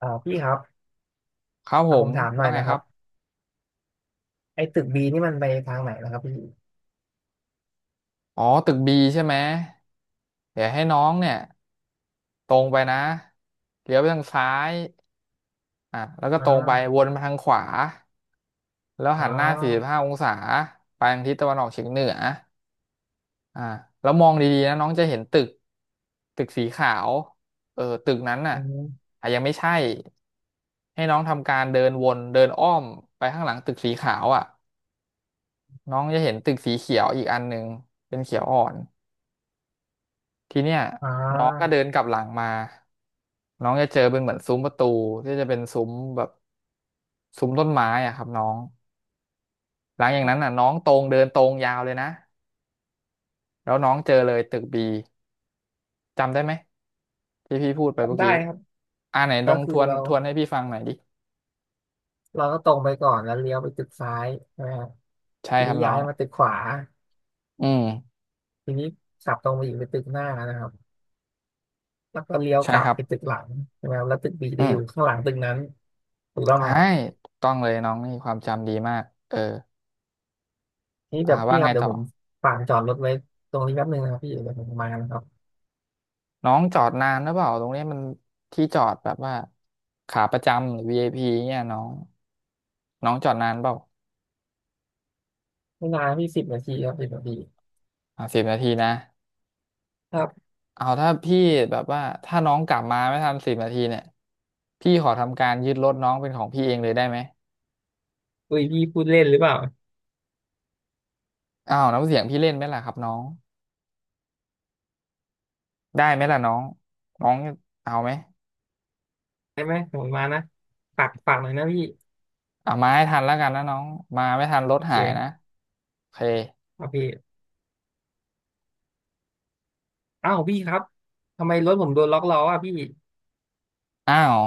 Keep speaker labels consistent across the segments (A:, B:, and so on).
A: พี่ครับ
B: ครับผ
A: ผ
B: ม
A: มถามหน่อ
B: ว่า
A: ย
B: ไง
A: นะค
B: ค
A: รั
B: รั
A: บ
B: บ
A: ไอ้ตึกบีนี่มันไปทางไหนนะครับพี่
B: อ๋อตึกบีใช่ไหมเดี๋ยวให้น้องเนี่ยตรงไปนะเลี้ยวไปทางซ้ายอ่ะแล้วก็
A: อ่
B: ตรงไปว
A: า
B: นมาทางขวาแล้ว
A: อ่
B: หันหน้าสี่สิบ
A: า
B: ห้าองศาไปทางทิศตะวันออกเฉียงเหนืออ่ะแล้วมองดีๆนะน้องจะเห็นตึกตึกสีขาวเออตึกนั้นน่ะ
A: อืม
B: อ่ะยังไม่ใช่ให้น้องทำการเดินวนเดินอ้อมไปข้างหลังตึกสีขาวอ่ะน้องจะเห็นตึกสีเขียวอีกอันหนึ่งเป็นเขียวอ่อน ทีเนี้ย
A: อ่
B: น้องก็เดิ
A: า
B: นกลับหลังมาน้องจะเจอเป็นเหมือนซุ้มประตูที่จะเป็นซุ้มแบบซุ้มต้นไม้อะครับน้องหลังอย่างนั้นอ่ะน้องตรงเดินตรงยาวเลยนะแล้วน้องเจอเลยตึกบีจำได้ไหมที่พี่พูดไปเมื่อ
A: ได้
B: กี้
A: ครับ
B: อ่าไหนล
A: ก็
B: อง
A: คื
B: ท
A: อ
B: วน
A: เรา
B: ทวนให้พี่ฟังหน่อยดิ
A: เราก็ตรงไปก่อนแล้วเลี้ยวไปตึกซ้ายใช่ไหมครับ
B: ใช่
A: ที
B: ค
A: นี้
B: รับน้อ
A: ย้าย
B: ง
A: มาตึกขวา
B: อืม
A: ทีนี้ขับตรงไปอีกไปตึกหน้านะครับแล้วก็เลี้ยว
B: ใช่
A: กลั
B: ค
A: บ
B: รับ
A: ไปตึกหลังใช่ไหมครับแล้วตึกบี
B: อื
A: จะอยู่
B: ม
A: ข้างหลังตึกนั้นถูกต้องไหม
B: ใช่
A: ครับ
B: ถูกต้องเลยน้องนี่ความจำดีมากเออ
A: นี่
B: อ่า
A: เดี๋ยว
B: ว่า
A: พี่ค
B: ไง
A: รับเดี๋ย
B: ต่
A: ว
B: อ
A: ผมฝากจอดรถไว้ตรงนี้แป๊บนึงนะครับพี่เดี๋ยวผมมานะครับ
B: น้องจอดนานหรือเปล่าตรงนี้มันที่จอดแบบว่าขาประจำหรือ VIP เนี่ยน้องน้องจอดนานเปล่า
A: ไม่นานพี่สิบนาทีครับสิบนาที
B: อ่าสิบนาทีนะ
A: ครับ
B: เอาถ้าพี่แบบว่าถ้าน้องกลับมาไม่ทันสิบนาทีเนี่ยพี่ขอทำการยึดรถน้องเป็นของพี่เองเลยได้ไหม
A: อุ้ยพี่พูดเล่นหรือเปล่า
B: อ้าวน้ำเสียงพี่เล่นไหมล่ะครับน้องได้ไหมล่ะน้องน้องเอาไหม
A: ได้ไหมผมมานะฝากหน่อยนะพี่
B: เอามาให้ทันแล้วกันนะน้องมาไม่ทันรถ
A: โอเค
B: หายนะโอเค
A: เอาพี่อ้าวพี่ครับทำไมรถผมโดนล็อกล้ออ่ะพี่
B: อ้าว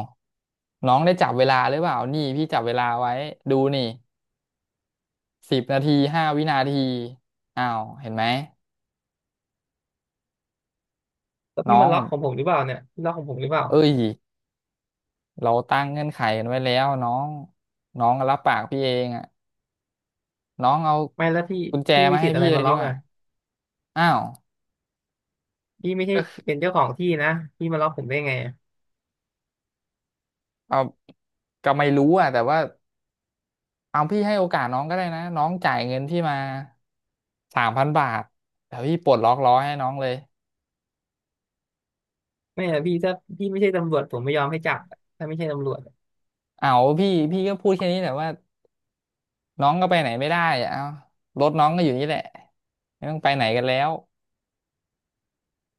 B: น้องได้จับเวลาหรือเปล่านี่พี่จับเวลาไว้ดูนี่ 10 นาที 5 วินาทีอ้าวเห็นไหม
A: แล้ว
B: น้
A: พี่
B: อ
A: มา
B: ง
A: ล็อกของผมหรือเปล่าเนี่ยพี่ล็อกของผมหรือเปล่า
B: เอ้ยเราตั้งเงื่อนไขกันไว้แล้วน้องน้องรับปากพี่เองอ่ะน้องเอา
A: ไม่แล้วพี่
B: กุญแจ
A: พี่มี
B: มา
A: สิ
B: ให้
A: ทธิ์อะ
B: พี่
A: ไร
B: เล
A: มา
B: ยดี
A: ล็อก
B: กว่า
A: อ่ะ
B: อ้าว
A: พี่ไม่ใช่
B: ก็
A: เป็นเจ้าของที่นะพี่มาล็อกผมได้ไงอะ
B: เอาก็ไม่รู้อ่ะแต่ว่าเอาพี่ให้โอกาสน้องก็ได้นะน้องจ่ายเงินที่มา3,000 บาทเดี๋ยวพี่ปลดล็อกล้อให้น้องเลย
A: ไม่อะพี่ถ้าพี่ไม่ใช่ตำรวจผมไม่ยอมให้จับอะถ้าไม่ใช่ตำรวจอะ
B: เอาพี่ก็พูดแค่นี้แหละว่าน้องก็ไปไหนไม่ได้อะเอารถน้องก็อยู่นี่แหละไม่ต้องไปไหนกันแล้ว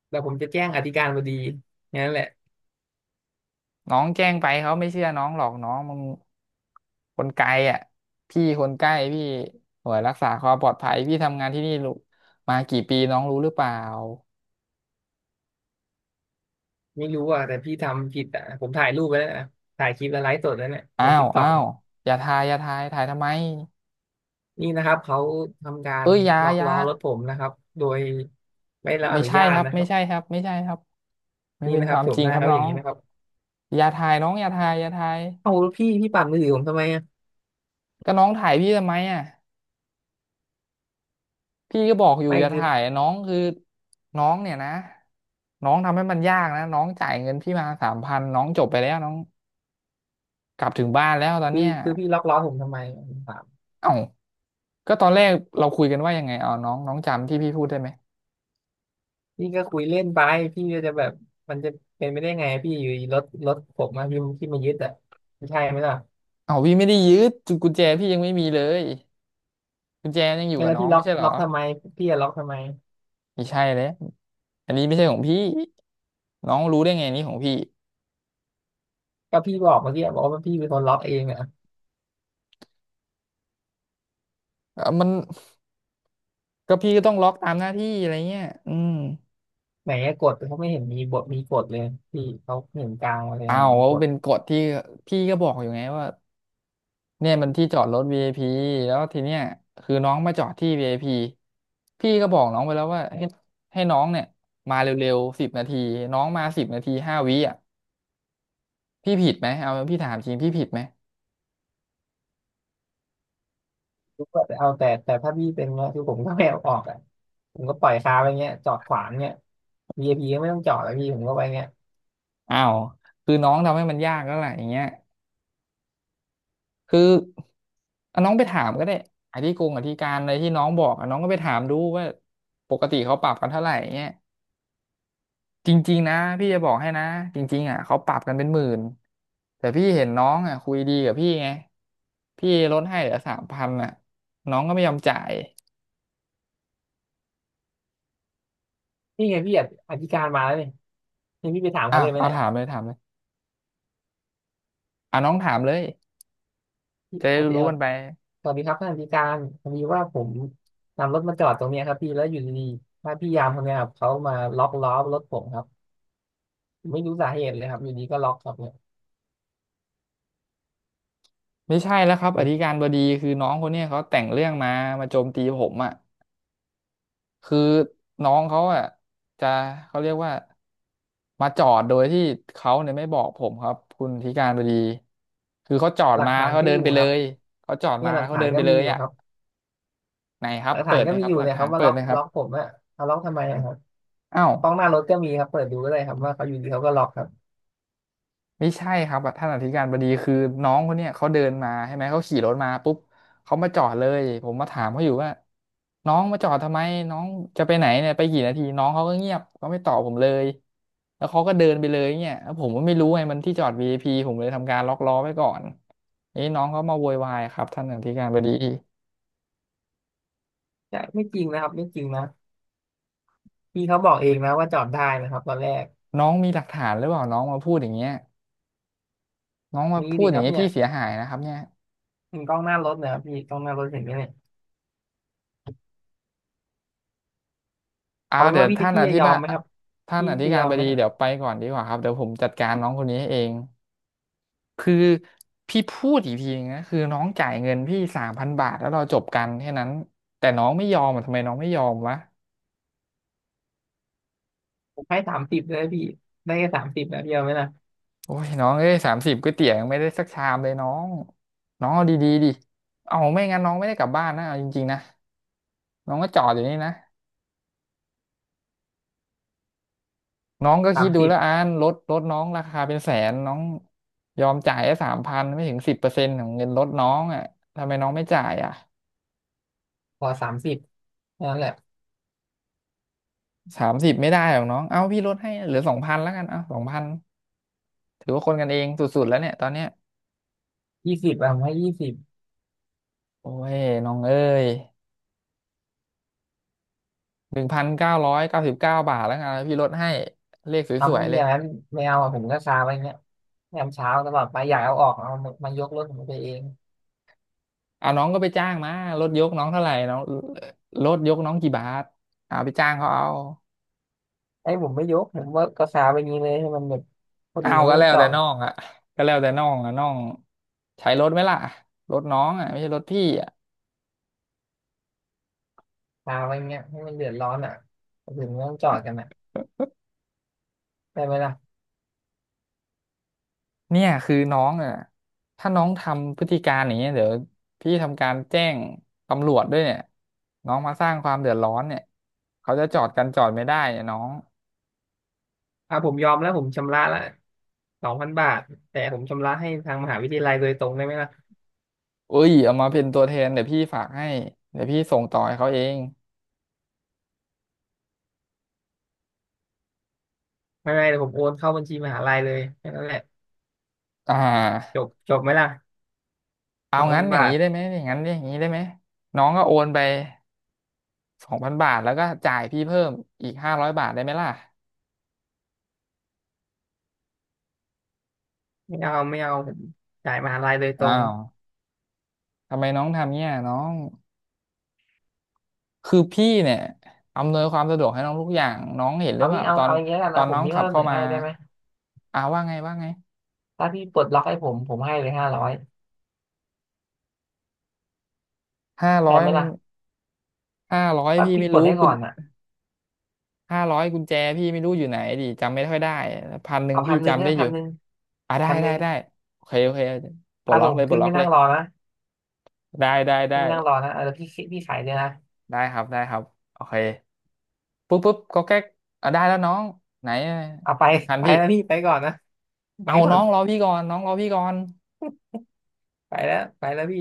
A: แต่ผมจะแจ้งอธิการบดีงั้นแหละ
B: น้องแจ้งไปเขาไม่เชื่อน้องหรอกน้องมันคนไกลอ่ะพี่คนใกล้พี่หน่วยรักษาความปลอดภัยพี่ทำงานที่นี่รู้มากี่ปีน้องรู้หรือเปล่า
A: ไม่รู้อ่ะแต่พี่ทำผิดอ่ะผมถ่ายรูปไว้แล้วนะถ่ายคลิปแล้วไลฟ์สดแล้วเนี่ยล
B: อ้า
A: ง
B: ว
A: ติ๊กต็อ
B: อ้า
A: ก
B: วอย่าทายอย่าทายถ่ายทำไม
A: นี่นะครับเขาทำการ
B: เอ้ยอยา
A: ล็อก
B: อยา
A: ล้อรถผมนะครับโดยไม่ได้รับอ
B: ไม่
A: นุ
B: ใช่
A: ญาต
B: ครับ
A: นะค
B: ไม่
A: รับ
B: ใช่ครับไม่ใช่ครับไม่
A: นี่
B: เป็น
A: นะค
B: ค
A: รับ
B: วาม
A: โฉ
B: จ
A: ม
B: ริ
A: ห
B: ง
A: น้า
B: ครับ
A: เขาอ
B: น้อ
A: ย่าง
B: ง
A: นี้นะครับ
B: อย่าถ่ายน้องอย่าถ่ายอย่าถ่าย
A: เอาพี่ปั่นมือถือผมทำไมอะ
B: ก็น้องถ่ายพี่ทำไมอ่ะ พี่ก็บอกอยู่
A: ไม่
B: อย่า
A: คือ
B: ถ่ายน้องคือน้องเนี่ยนะน้องทำให้มันยากนะน้องจ่ายเงินพี่มาสามพันน้องจบไปแล้วน้องกลับถึงบ้านแล้วตอน
A: คือ
B: เนี้ย
A: คือพี่ล็อกล้อผมทำไมผมถาม
B: เอ้าก็ตอนแรกเราคุยกันว่ายังไงเอาน้องน้องจำที่พี่พูดได้ไหม
A: พี่ก็คุยเล่นไปพี่ก็จะแบบมันจะเป็นไปได้ไงพี่อยู่ดีรถผมมาพี่มายึดอ่ะไม่ใช่ไหมล่ะ
B: เอ้าพี่ไม่ได้ยืดกุญแจพี่ยังไม่มีเลยกุญแจยังอยู่
A: ไม่
B: กับ
A: แล้ว
B: น้อง
A: พี่ล็
B: ไม่
A: อก
B: ใช่เหร
A: ล็
B: อ
A: อกทำไมพี่จะล็อกทำไม
B: ไม่ใช่เลยอันนี้ไม่ใช่ของพี่น้องรู้ได้ไงนี่ของพี่
A: ก็พี่บอกเมื่อกี้บอกว่าพี่เป็นคนล็อกเองอ่ะ
B: มันก็พี่ก็ต้องล็อกตามหน้าที่อะไรเงี้ยอืม
A: ไหนอะกดเขาไม่เห็นมีบทมีกดเลยพี่เขาเห็นกลางอะไรอ
B: เอา
A: ย่าง
B: ว
A: เงี้ยก
B: ว่า
A: ด
B: เป็นกฎที่พี่ก็บอกอยู่ไงว่า เนี่ยมันที่จอดรถ VIP แล้วทีเนี้ยคือน้องมาจอดที่ VIP พีพี่ก็บอกน้องไปแล้วว่าให้ให้น้องเนี่ยมาเร็วๆสิบนาทีน้องมาสิบนาทีห้าวิอ่ะพี่ผิดไหมเอาพี่ถามจริงพี่ผิดไหม
A: ทุกคนเอาแต่ถ้าพี่เป็นเงี้ยคือผมก็ไม่เอาออกอ่ะผมก็ปล่อยคาไว้เงี้ยจอดขวางเงี้ย VIP ก็ไม่ต้องจอดแล้วพี่ผมก็ไว้เงี้ย
B: อ้าวคือน้องทำให้มันยากแล้วแหละอย่างเงี้ยคือเอาน้องไปถามก็ได้อธิการอะไรที่น้องบอกอะน้องก็ไปถามดูว่าปกติเขาปรับกันเท่าไหร่เงี้ย จริงๆนะพี่จะบอกให้นะจริงๆอ่ะเขาปรับกันเป็น10,000แต่พี่เห็นน้องอ่ะคุยดีกับพี่ไงพี่ลดให้เหลือสามพันอ่ะน้องก็ไม่ยอมจ่าย
A: นี่ไงพี่ออธิการมาแล้วเนี่ยนี่พี่ไปถาม
B: อ่ะ
A: เขาเลยไหม
B: เอา
A: เนี่ย
B: ถามเลยถามเลยอ่ะน้องถามเลย
A: พี่
B: จะได้
A: อธิ
B: รู้
A: เอ่อ
B: ๆกันไป
A: สวัสดีครับท่านอธิการพอดีว่าผมนำรถมาจอดตรงเนี้ยครับพี่แล้วอยู่ดีๆถ้าพี่ยามคนเนี้ยครับเขามาล็อกล้อรถผมครับผมไม่รู้สาเหตุเลยครับอยู่ดีก็ล็อกครับเนี่ย
B: ไม่ใช่แล้วครับอ
A: เป็น
B: ธิการบดีคือน้องคนเนี้ยเขาแต่งเรื่องมามาโจมตีผมอ่ะ คือน้องเขาอ่ะจะเขาเรียกว่ามาจอดโดยที่เขาเนี่ยไม่บอกผมครับคุณธิการบดีคือเขาจอด
A: หลัก
B: มา
A: ฐา
B: แล้ว
A: น
B: เขา
A: ก็
B: เดิ
A: อ
B: น
A: ยู่
B: ไป
A: ค
B: เล
A: รับ
B: ยเขาจอด
A: เนี่
B: มา
A: ยห
B: แล้
A: ลั
B: ว
A: ก
B: เขา
A: ฐา
B: เดิ
A: น
B: น
A: ก็
B: ไปเล
A: มี
B: ย
A: อยู่
B: อ่ะ
A: ครับ
B: ไหนครั
A: ห
B: บ
A: ลัก
B: เปิ
A: ฐาน
B: ด
A: ก็
B: นะ
A: มี
B: ครั
A: อ
B: บ
A: ยู่
B: หลัก
A: เนี่ย
B: ฐา
A: เขา
B: น
A: มา
B: เปิ
A: ล็
B: ด
A: อก
B: ไหมครั
A: ล็
B: บ
A: อกผมอะเอาล็อกทำไมอะครับ
B: อ้าว
A: กล้องหน้ารถก็มีครับเปิดดูก็ได้ครับว่าเขาอยู่ดีเขาก็ล็อกครับ
B: ไม่ใช่ครับท่านอธิการบดีคือน้องคนเนี้ยเขาเดินมาใช่ไหมเขาขี่รถมาปุ๊บเขามาจอดเลยผมมาถามเขาอยู่ว่าน้องมาจอดทำไมน้องจะไปไหนเนี่ยไปกี่นาทีน้องเขาก็เงียบเขาไม่ตอบผมเลยแล้วเขาก็เดินไปเลยเนี่ยแล้วผมก็ไม่รู้ไงมันที่จอดวีไอพีผมเลยทำการล็อกล้อไว้ก่อนนี่น้องเขามาโวยวายครับท่านอธิการบดี
A: ใช่ไม่จริงนะครับไม่จริงนะพี่เขาบอกเองนะว่าจอดได้นะครับตอนแรก
B: น้องมีหลักฐานหรือเปล่าน้องมาพูดอย่างเงี้ยน้องมา
A: มี
B: พูด
A: ดิ
B: อ
A: ค
B: ย่าง
A: รับ
B: เงี้ย
A: เนี่
B: พี่
A: ย
B: เสียหายนะครับเนี่ย
A: มีกล้องหน้ารถนะครับพี่กล้องหน้ารถเห็นไหมเนี่ยเอาเป็น
B: เดี๋ย
A: ว่า
B: ว
A: พี่จะ
B: ท่าน
A: พี่
B: อ
A: จะ
B: ธิ
A: ยอ
B: บา
A: ม
B: ย
A: ไหมครับ
B: ท่าน
A: พี่
B: อธิ
A: จะ
B: กา
A: ย
B: ร
A: อม
B: บ
A: ไหม
B: ดี
A: ฮะ
B: เดี๋ยวไปก่อนดีกว่าครับเดี๋ยวผมจัดการน้องคนนี้ให้เองคือพี่พูดอีกทีนึงนะคือน้องจ่ายเงินพี่สามพันบาทแล้วเราจบกันแค่นั้นแต่น้องไม่ยอมอ่ะทำไมน้องไม่ยอมวะ
A: ผมให้สามสิบเลยพี่ได้แค่สามสิบนะพี่เอาไหมนะ
B: โอ้ยน้องเอ้ยสามสิบก๋วยเตี๋ยวยังไม่ได้สักชามเลยน้องน้องเอาดีๆดิเอาไม่งั้นน้องไม่ได้กลับบ้านนะเอาจริงๆนะน้องก็จอดอยู่นี่นะ น้องก็
A: สา
B: คิด
A: ม
B: ดู
A: สิบ
B: แล้วอานลดน้องราคาเป็น100,000น้องยอมจ่ายแค่สามพันไม่ถึง10%ของเงินลดน้องอ่ะทำไมน้องไม่จ่ายอ่ะ
A: พอสามสิบนั่นแหละ
B: สามสิบไม่ได้หรอกน้องเอาพี่ลดให้เหลือสองพันแล้วกันเอาสองพันถือว่าคนกันเองสุดๆแล้วเนี่ยตอนเนี้ย
A: ยี่สิบอะผมให้ยี่สิบ
B: โอ้ยน้องเอ้ย1,999 บาทแล้วกันพี่ลดให้เลขส
A: ทำ
B: วย
A: ไม่
B: ๆเล
A: อ
B: ย
A: ย่างนั้นไม่เอาอะผมก็คาไว้เงี้ยยามเช้าตลอดไปอยากเอาออกเอามายกรถผมไปเอง
B: เอาน้องก็ไปจ้างมาลดยกน้องเท่าไหร่น้องลดยกน้องกี่บาทเอาไปจ้างเขาเอา
A: ไอ้ผมไม่ยกผมว่าก็สาไปอย่างนี้เลยให้มันแบบคน
B: เอา
A: อื่นก็
B: ก็
A: ไม่ต้อ
B: แล้
A: ง
B: ว
A: จอ
B: แต่
A: ด
B: น้องอะก็แล้วแต่น้องอะน้องใช้รถไหมล่ะรถน้องอะไม่ใช่รถพี่อะ
A: สาไปาเงี้ยให้มันเดือดร้อนอ่ะคนอื่นไม่ต้องจอดกันอ่ะได้ไหมล่ะ
B: เนี่ยคือน้องอะถ้าน้องทำพฤติการอย่างเงี้ยเดี๋ยวพี่ทำการแจ้งตำรวจด้วยเนี่ยน้องมาสร้างความเดือดร้อนเนี่ยเขาจะจอดกันจอดไม่ได้เนี่ยน้อง
A: อ่ะผมยอมแล้วผมชำระละสองพันบาทแต่ผมชำระให้ทางมหาวิทยาลัยโดยตรงได้ไหมล่ะ
B: เอ้ยเอามาเป็นตัวแทนเดี๋ยวพี่ฝากให้เดี๋ยวพี่ส่งต่อให้เขาเอง
A: ไม่ไม่เดี๋ยวผมโอนเข้าบัญชีมหาลัยเลยแค่นั้นแหละ
B: อ่
A: จ
B: า
A: บจบไหมล่ะ
B: เอา
A: สอง
B: งั้
A: พั
B: น
A: น
B: อย่าง
A: บา
B: นี้
A: ท
B: ได้ไหมอย่างนั้นอย่างนี้ได้ไหมน้องก็โอนไป2,000 บาทแล้วก็จ่ายพี่เพิ่มอีก500 บาทได้ไหมล่ะ
A: ไม่เอาไม่เอาผมจ่ายมหาลัยโดยตร
B: อ้า
A: ง
B: ว ทำไมน้องทำเนี่ยน้องคือพี่เนี่ยอำนวยความสะดวกให้น้องทุกอย่างน้องเห็นหรื
A: เอา
B: อเป
A: งี้
B: ล่า
A: เอา
B: ตอน
A: เอาอย่างเงี้ยกัน
B: ตอ
A: นะ
B: น
A: ผ
B: น้
A: ม
B: อง
A: มี
B: ขั
A: ข้อ
B: บ
A: เส
B: เข้า
A: นอ
B: มา
A: ให้ได้ไหม
B: ว่าไงว่าไง
A: ถ้าพี่ปลดล็อกให้ผมผมให้เลย500
B: ห้าร้
A: ได้
B: อย
A: ไหมล่ะ
B: ห้าร้อย
A: ถ้า
B: พี่
A: พี่
B: ไม่
A: ปล
B: รู้
A: ดให้
B: กุ
A: ก่
B: ญ
A: อนอ่ะ
B: ห้าร้อยกุญแจพี่ไม่รู้อยู่ไหนดิจำไม่ค่อยได้พันหนึ่ง
A: เอาพั
B: พี่
A: นหนึ่ง
B: จำ
A: ให้
B: ได้อ
A: พั
B: ยู่
A: นหนึ่ง
B: ได้
A: พันห
B: ได้
A: นึ่ง
B: ได้โอเคโอเคปลด
A: อา
B: ล็
A: ร
B: อก
A: ม
B: เลย
A: ณ์
B: ปล
A: ขึ้
B: ด
A: น
B: ล็อ
A: ไม่
B: กเล
A: นั่ง
B: ย
A: รอนะ
B: ได้ได้ได้
A: ขึ้นไม่นั่งรอนะเออพี่ขายเลยนะ
B: ได้ครับได้ครับโอเคปุ๊บปุ๊บก็แก๊กอ่ะได้แล้วน้องไหน
A: เอาไป
B: พัน
A: ไป
B: พี่
A: แล้วพี่ไปก่อนนะ ไป
B: เอา
A: ก่อ
B: น้อ
A: น
B: งรอพี่ก่อนน้องรอพี่ก่อน
A: ไปแล้วไปแล้วพี่